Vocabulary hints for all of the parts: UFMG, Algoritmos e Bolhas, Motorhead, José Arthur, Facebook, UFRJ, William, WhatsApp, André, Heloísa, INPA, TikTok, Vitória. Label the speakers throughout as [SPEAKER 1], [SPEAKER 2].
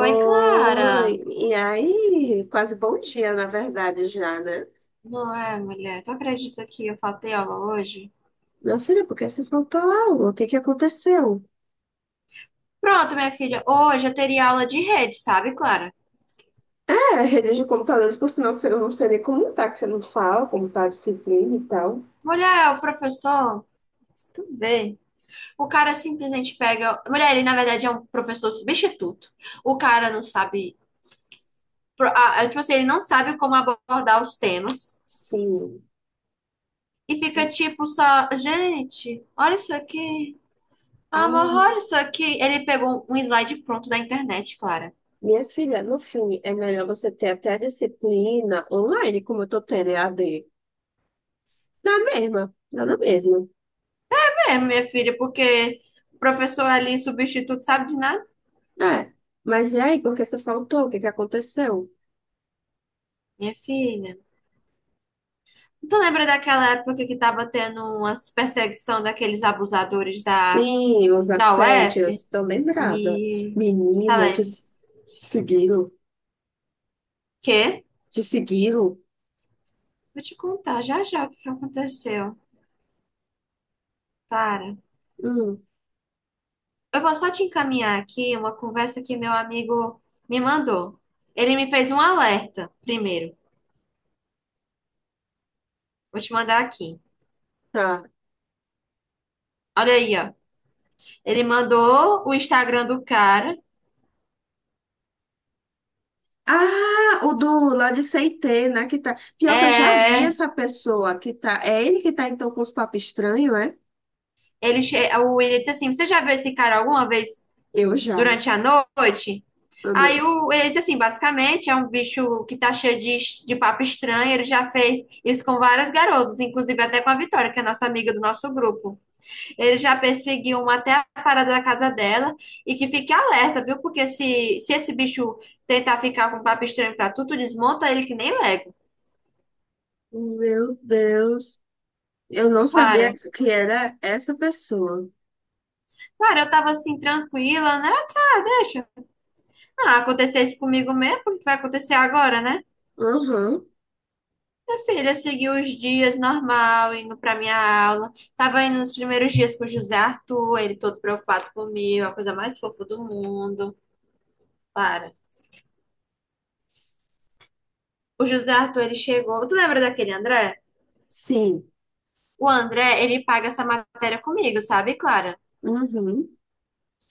[SPEAKER 1] Oi, Clara.
[SPEAKER 2] e aí? Quase bom dia, na verdade, já, né?
[SPEAKER 1] Não é, mulher? Tu acredita que eu faltei aula hoje?
[SPEAKER 2] Meu filho, por que você faltou a aula? O que que aconteceu?
[SPEAKER 1] Pronto, minha filha. Hoje eu teria aula de rede, sabe, Clara?
[SPEAKER 2] É, a rede de computadores, por sinal, eu não sei nem como tá, que você não fala, como tá a disciplina e tal.
[SPEAKER 1] Mulher, é o professor, tu vê. O cara simplesmente pega. Mulher, ele na verdade é um professor substituto. O cara não sabe. Tipo assim, ele não sabe como abordar os temas.
[SPEAKER 2] Sim.
[SPEAKER 1] E fica tipo só. Gente, olha isso aqui.
[SPEAKER 2] Ah,
[SPEAKER 1] Amor, olha isso aqui. Ele pegou um slide pronto da internet, Clara.
[SPEAKER 2] minha filha, no filme é melhor você ter até a disciplina online, como eu tô tendo EAD. Dá na mesma, dá na mesma.
[SPEAKER 1] É, minha filha, porque o professor ali, substituto, sabe de nada?
[SPEAKER 2] É. Mas e aí, por que você faltou? O que que aconteceu?
[SPEAKER 1] Minha filha. Tu lembra daquela época que tava tendo umas perseguição daqueles abusadores da,
[SPEAKER 2] Sim, os
[SPEAKER 1] da
[SPEAKER 2] assédios,
[SPEAKER 1] UF?
[SPEAKER 2] estou lembrada.
[SPEAKER 1] E. Tá
[SPEAKER 2] Menina, de
[SPEAKER 1] lendo?
[SPEAKER 2] se seguiram,
[SPEAKER 1] Quê?
[SPEAKER 2] de seguiram.
[SPEAKER 1] Vou te contar já já o que que aconteceu. Para.
[SPEAKER 2] Hum,
[SPEAKER 1] Eu vou só te encaminhar aqui uma conversa que meu amigo me mandou. Ele me fez um alerta primeiro. Vou te mandar aqui.
[SPEAKER 2] tá.
[SPEAKER 1] Olha aí, ó. Ele mandou o Instagram do cara.
[SPEAKER 2] Ah, o do lá de Seitê, né? Pior que eu já vi
[SPEAKER 1] É.
[SPEAKER 2] essa pessoa que tá. É ele que tá então com os papos estranhos, é?
[SPEAKER 1] Ele, o William disse assim: Você já viu esse cara alguma vez
[SPEAKER 2] Eu já.
[SPEAKER 1] durante a noite?
[SPEAKER 2] Eu não-
[SPEAKER 1] Ele disse assim: basicamente, é um bicho que tá cheio de papo estranho. Ele já fez isso com várias garotas, inclusive até com a Vitória, que é nossa amiga do nosso grupo. Ele já perseguiu uma até a parada da casa dela. E que fique alerta, viu? Porque se esse bicho tentar ficar com papo estranho pra tu, tu desmonta ele que nem Lego.
[SPEAKER 2] Meu Deus, eu não sabia
[SPEAKER 1] Para.
[SPEAKER 2] que era essa pessoa.
[SPEAKER 1] Para, eu tava assim, tranquila, né? Eu disse, ah, deixa. Ah, acontecesse comigo mesmo, porque vai acontecer agora, né?
[SPEAKER 2] Uhum,
[SPEAKER 1] Minha filha seguiu os dias normal, indo pra minha aula. Tava indo nos primeiros dias com o José Arthur, ele todo preocupado comigo, a coisa mais fofa do mundo. Para. O José Arthur, ele chegou. Tu lembra daquele André?
[SPEAKER 2] sim,
[SPEAKER 1] O André, ele paga essa matéria comigo, sabe, Clara?
[SPEAKER 2] uhum,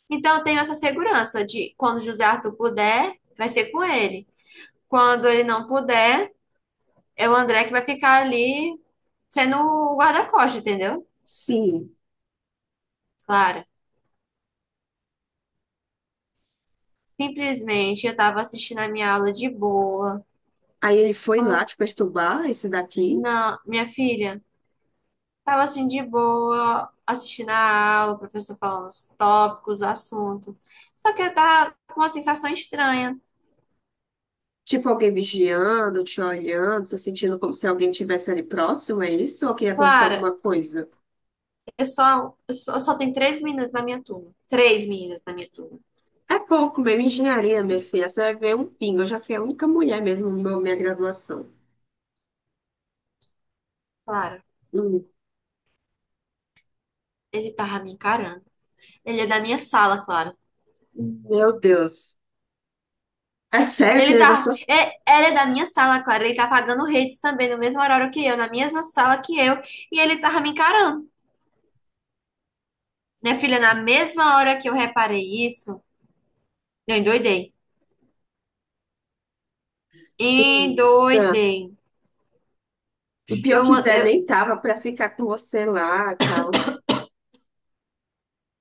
[SPEAKER 1] Então eu tenho essa segurança de quando o José Arthur puder, vai ser com ele. Quando ele não puder, é o André que vai ficar ali sendo o guarda-costas, entendeu?
[SPEAKER 2] sim.
[SPEAKER 1] Claro. Simplesmente eu tava assistindo a minha aula de boa.
[SPEAKER 2] Aí ele foi lá
[SPEAKER 1] Como
[SPEAKER 2] te perturbar, esse daqui.
[SPEAKER 1] não, minha filha, tava assim de boa, assistindo a aula, o professor falando os tópicos, o assunto. Só que eu tava com uma sensação estranha.
[SPEAKER 2] Tipo alguém vigiando, te olhando, se sentindo como se alguém estivesse ali próximo, é isso? Ou que ia acontecer
[SPEAKER 1] Clara,
[SPEAKER 2] alguma coisa?
[SPEAKER 1] eu só tenho três meninas na minha turma. Três meninas na minha turma.
[SPEAKER 2] É pouco mesmo, engenharia, minha filha. Você vai ver um pingo. Eu já fui a única mulher mesmo na minha graduação.
[SPEAKER 1] Clara,
[SPEAKER 2] Hum,
[SPEAKER 1] ele tava me encarando. Ele é da minha sala, Clara.
[SPEAKER 2] meu Deus. É sério, querida, das suas
[SPEAKER 1] Ela é da minha sala, Clara. Ele tá pagando redes também, no mesmo horário que eu, na mesma sala que eu, e ele tava me encarando. Minha filha, na mesma hora que eu reparei isso, eu endoidei.
[SPEAKER 2] meninas.
[SPEAKER 1] Endoidei.
[SPEAKER 2] E pior
[SPEAKER 1] Eu,
[SPEAKER 2] quiser,
[SPEAKER 1] eu,
[SPEAKER 2] nem tava pra ficar com você lá e tal.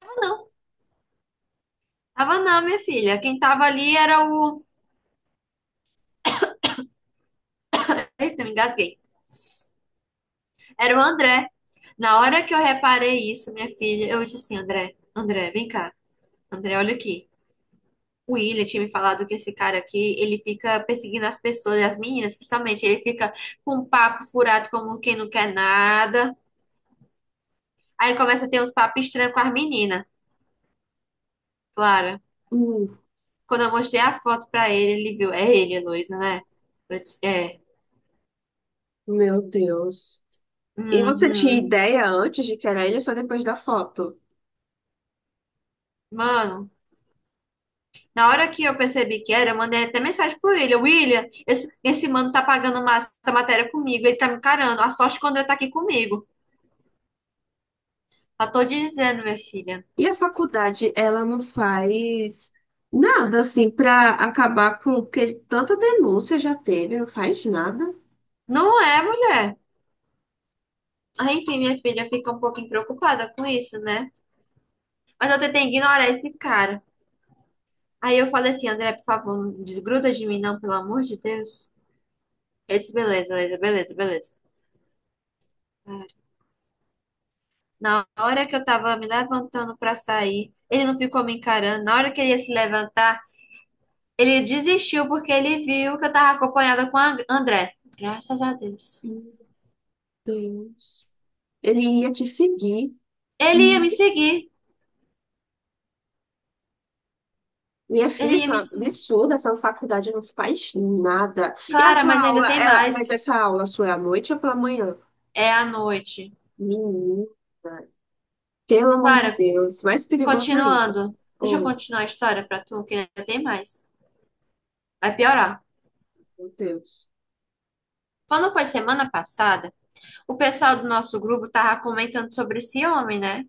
[SPEAKER 1] não, tava não, minha filha. Quem tava ali era o. Eita, me engasguei. Era o André. Na hora que eu reparei isso, minha filha, eu disse assim: André, vem cá. André, olha aqui. O William tinha me falado que esse cara aqui, ele fica perseguindo as pessoas, as meninas principalmente. Ele fica com um papo furado como quem não quer nada. Aí começa a ter uns papos estranhos com as meninas. Claro.
[SPEAKER 2] Hum,
[SPEAKER 1] Quando eu mostrei a foto pra ele, ele viu. É ele, Heloísa, né? Eu disse, é.
[SPEAKER 2] meu Deus. E você tinha
[SPEAKER 1] Uhum.
[SPEAKER 2] ideia antes de que era ele ou só depois da foto?
[SPEAKER 1] Mano, na hora que eu percebi que era, eu mandei até mensagem pro William. William, esse mano tá pagando uma, essa matéria comigo, ele tá me encarando. A sorte quando ele tá aqui comigo. Já tô dizendo, minha filha.
[SPEAKER 2] E a faculdade, ela não faz nada assim para acabar com porque tanta denúncia já teve, não faz nada.
[SPEAKER 1] Não é, mulher. Ah, enfim, minha filha fica um pouquinho preocupada com isso, né? Mas eu tentei ignorar esse cara. Aí eu falei assim, André, por favor, não desgruda de mim, não, pelo amor de Deus. Ele disse, beleza, beleza, beleza, beleza. Na hora que eu tava me levantando pra sair, ele não ficou me encarando. Na hora que ele ia se levantar, ele desistiu porque ele viu que eu tava acompanhada com a André. Graças a Deus.
[SPEAKER 2] Meu Deus. Ele ia te seguir.
[SPEAKER 1] Ele ia me seguir.
[SPEAKER 2] Minha
[SPEAKER 1] Ele
[SPEAKER 2] filha,
[SPEAKER 1] ia
[SPEAKER 2] isso é um
[SPEAKER 1] me seguir.
[SPEAKER 2] absurdo, essa faculdade não faz nada. E a
[SPEAKER 1] Clara, mas
[SPEAKER 2] sua aula,
[SPEAKER 1] ainda tem
[SPEAKER 2] ela, mas
[SPEAKER 1] mais.
[SPEAKER 2] essa aula sua é à noite ou pela manhã?
[SPEAKER 1] É a noite.
[SPEAKER 2] Menina, pelo amor de
[SPEAKER 1] Clara,
[SPEAKER 2] Deus, mais perigoso ainda.
[SPEAKER 1] continuando. Deixa eu
[SPEAKER 2] Oi,
[SPEAKER 1] continuar a história pra tu, que ainda tem mais. Vai piorar.
[SPEAKER 2] meu Deus.
[SPEAKER 1] Quando foi semana passada, o pessoal do nosso grupo tava comentando sobre esse homem, né?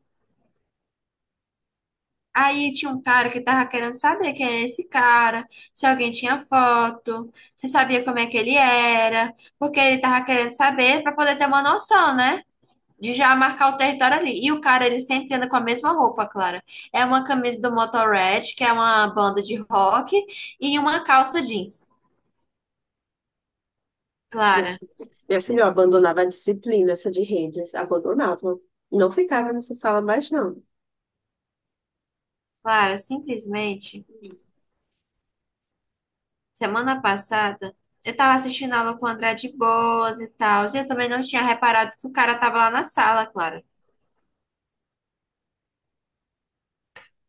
[SPEAKER 1] Aí tinha um cara que tava querendo saber quem era esse cara, se alguém tinha foto, se sabia como é que ele era, porque ele tava querendo saber pra poder ter uma noção, né? De já marcar o território ali. E o cara, ele sempre anda com a mesma roupa, Clara. É uma camisa do Motorhead, que é uma banda de rock, e uma calça jeans. Clara,
[SPEAKER 2] Minha filha, eu abandonava a disciplina, essa de redes, abandonava. Não ficava nessa sala mais, não.
[SPEAKER 1] Clara, simplesmente, semana passada, eu tava assistindo aula com o André de Boas e tal, e eu também não tinha reparado que o cara tava lá na sala, Clara.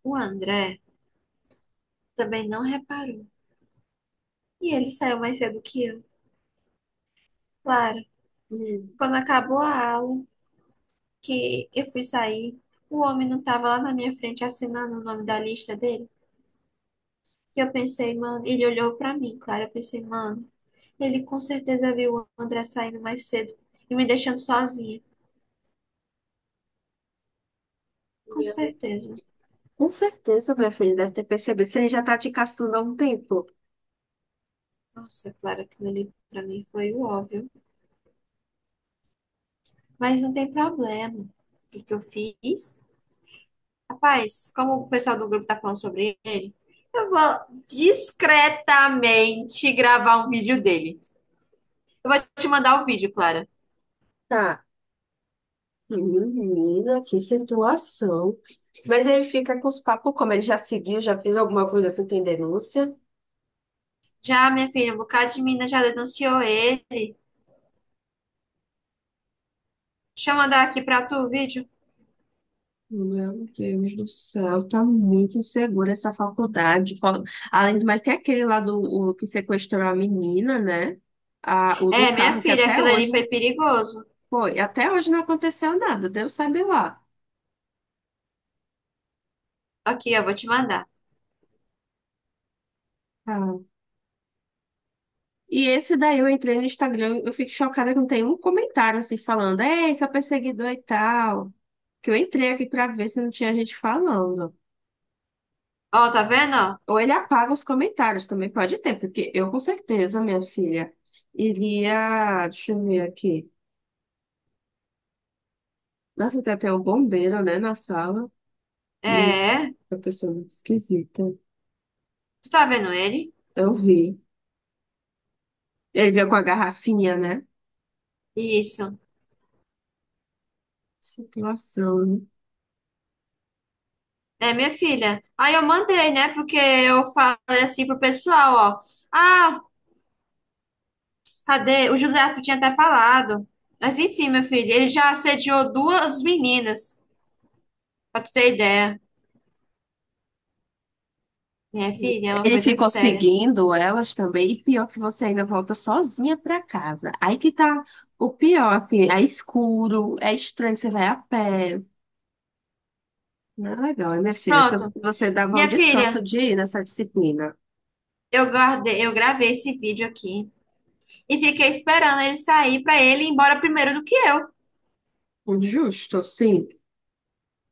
[SPEAKER 1] O André. Também não reparou. E ele saiu mais cedo que eu. Claro,
[SPEAKER 2] Hum.
[SPEAKER 1] quando acabou a aula, que eu fui sair, o homem não estava lá na minha frente assinando o nome da lista dele. E eu pensei, mano, ele olhou pra mim, claro, eu pensei, mano, ele com certeza viu o André saindo mais cedo e me deixando sozinha. Com
[SPEAKER 2] Meu,
[SPEAKER 1] certeza.
[SPEAKER 2] com certeza, minha filha deve ter percebido. Você já tá te caçando há um tempo.
[SPEAKER 1] Nossa, claro, aquilo ali pra mim foi o óbvio. Mas não tem problema. O que que eu fiz? Rapaz, como o pessoal do grupo tá falando sobre ele, eu vou discretamente gravar um vídeo dele. Eu vou te mandar o vídeo, Clara.
[SPEAKER 2] Tá. Menina, que situação. Mas ele fica com os papos, como ele já seguiu, já fez alguma coisa assim, tem denúncia.
[SPEAKER 1] Já, minha filha, um bocado de mina já denunciou ele. Deixa eu mandar aqui pra tu o vídeo.
[SPEAKER 2] Meu Deus do céu, tá muito insegura essa faculdade. Além do mais, tem aquele lá do o que sequestrou a menina, né? Ah, o do
[SPEAKER 1] É, minha
[SPEAKER 2] carro, que
[SPEAKER 1] filha,
[SPEAKER 2] até
[SPEAKER 1] aquilo
[SPEAKER 2] hoje.
[SPEAKER 1] ali foi perigoso.
[SPEAKER 2] Foi, até hoje não aconteceu nada, Deus sabe lá.
[SPEAKER 1] Aqui, eu vou te mandar.
[SPEAKER 2] Ah. E esse daí eu entrei no Instagram, eu fico chocada que não tem um comentário assim falando, ei, seu perseguidor e tal. Que eu entrei aqui pra ver se não tinha gente falando.
[SPEAKER 1] Ó, tá vendo? Ó?
[SPEAKER 2] Ou ele apaga os comentários também, pode ter, porque eu com certeza, minha filha, iria. Deixa eu ver aqui. Nossa, tem até um bombeiro, né, na sala. Nossa,
[SPEAKER 1] É,
[SPEAKER 2] essa pessoa é muito esquisita.
[SPEAKER 1] tu tá vendo ele?
[SPEAKER 2] Eu vi. Ele veio com a garrafinha, né?
[SPEAKER 1] Isso.
[SPEAKER 2] Situação, né?
[SPEAKER 1] É, minha filha. Aí eu mandei, né? Porque eu falei assim pro pessoal, ó. Ah, cadê? O José Arthur tinha até falado. Mas enfim, meu filho, ele já assediou duas meninas, pra tu ter ideia. Minha filha, é uma
[SPEAKER 2] Ele
[SPEAKER 1] coisa
[SPEAKER 2] ficou
[SPEAKER 1] séria.
[SPEAKER 2] seguindo elas também, e pior que você ainda volta sozinha pra casa. Aí que tá o pior, assim, é escuro, é estranho, você vai a pé. Não é legal, hein, minha filha? Se
[SPEAKER 1] Pronto.
[SPEAKER 2] você dava um
[SPEAKER 1] Minha
[SPEAKER 2] descanso
[SPEAKER 1] filha,
[SPEAKER 2] de ir nessa disciplina.
[SPEAKER 1] eu guardei, eu gravei esse vídeo aqui e fiquei esperando ele sair pra ele ir embora primeiro do que eu.
[SPEAKER 2] Justo, sim.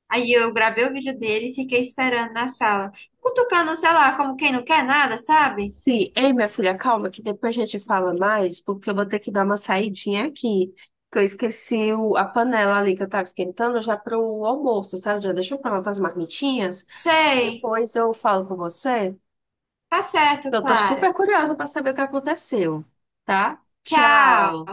[SPEAKER 1] Aí eu gravei o vídeo dele e fiquei esperando na sala, cutucando, sei lá, como quem não quer nada, sabe?
[SPEAKER 2] Sim. Ei, minha filha, calma, que depois a gente fala mais, porque eu vou ter que dar uma saidinha aqui. Que eu esqueci a panela ali que eu tava esquentando já pro almoço, sabe? Já deixou pra lá as marmitinhas.
[SPEAKER 1] Sei.
[SPEAKER 2] Depois eu falo com você.
[SPEAKER 1] Tá certo,
[SPEAKER 2] Então, eu tô
[SPEAKER 1] Clara.
[SPEAKER 2] super curiosa para saber o que aconteceu, tá?
[SPEAKER 1] Tchau.
[SPEAKER 2] Tchau.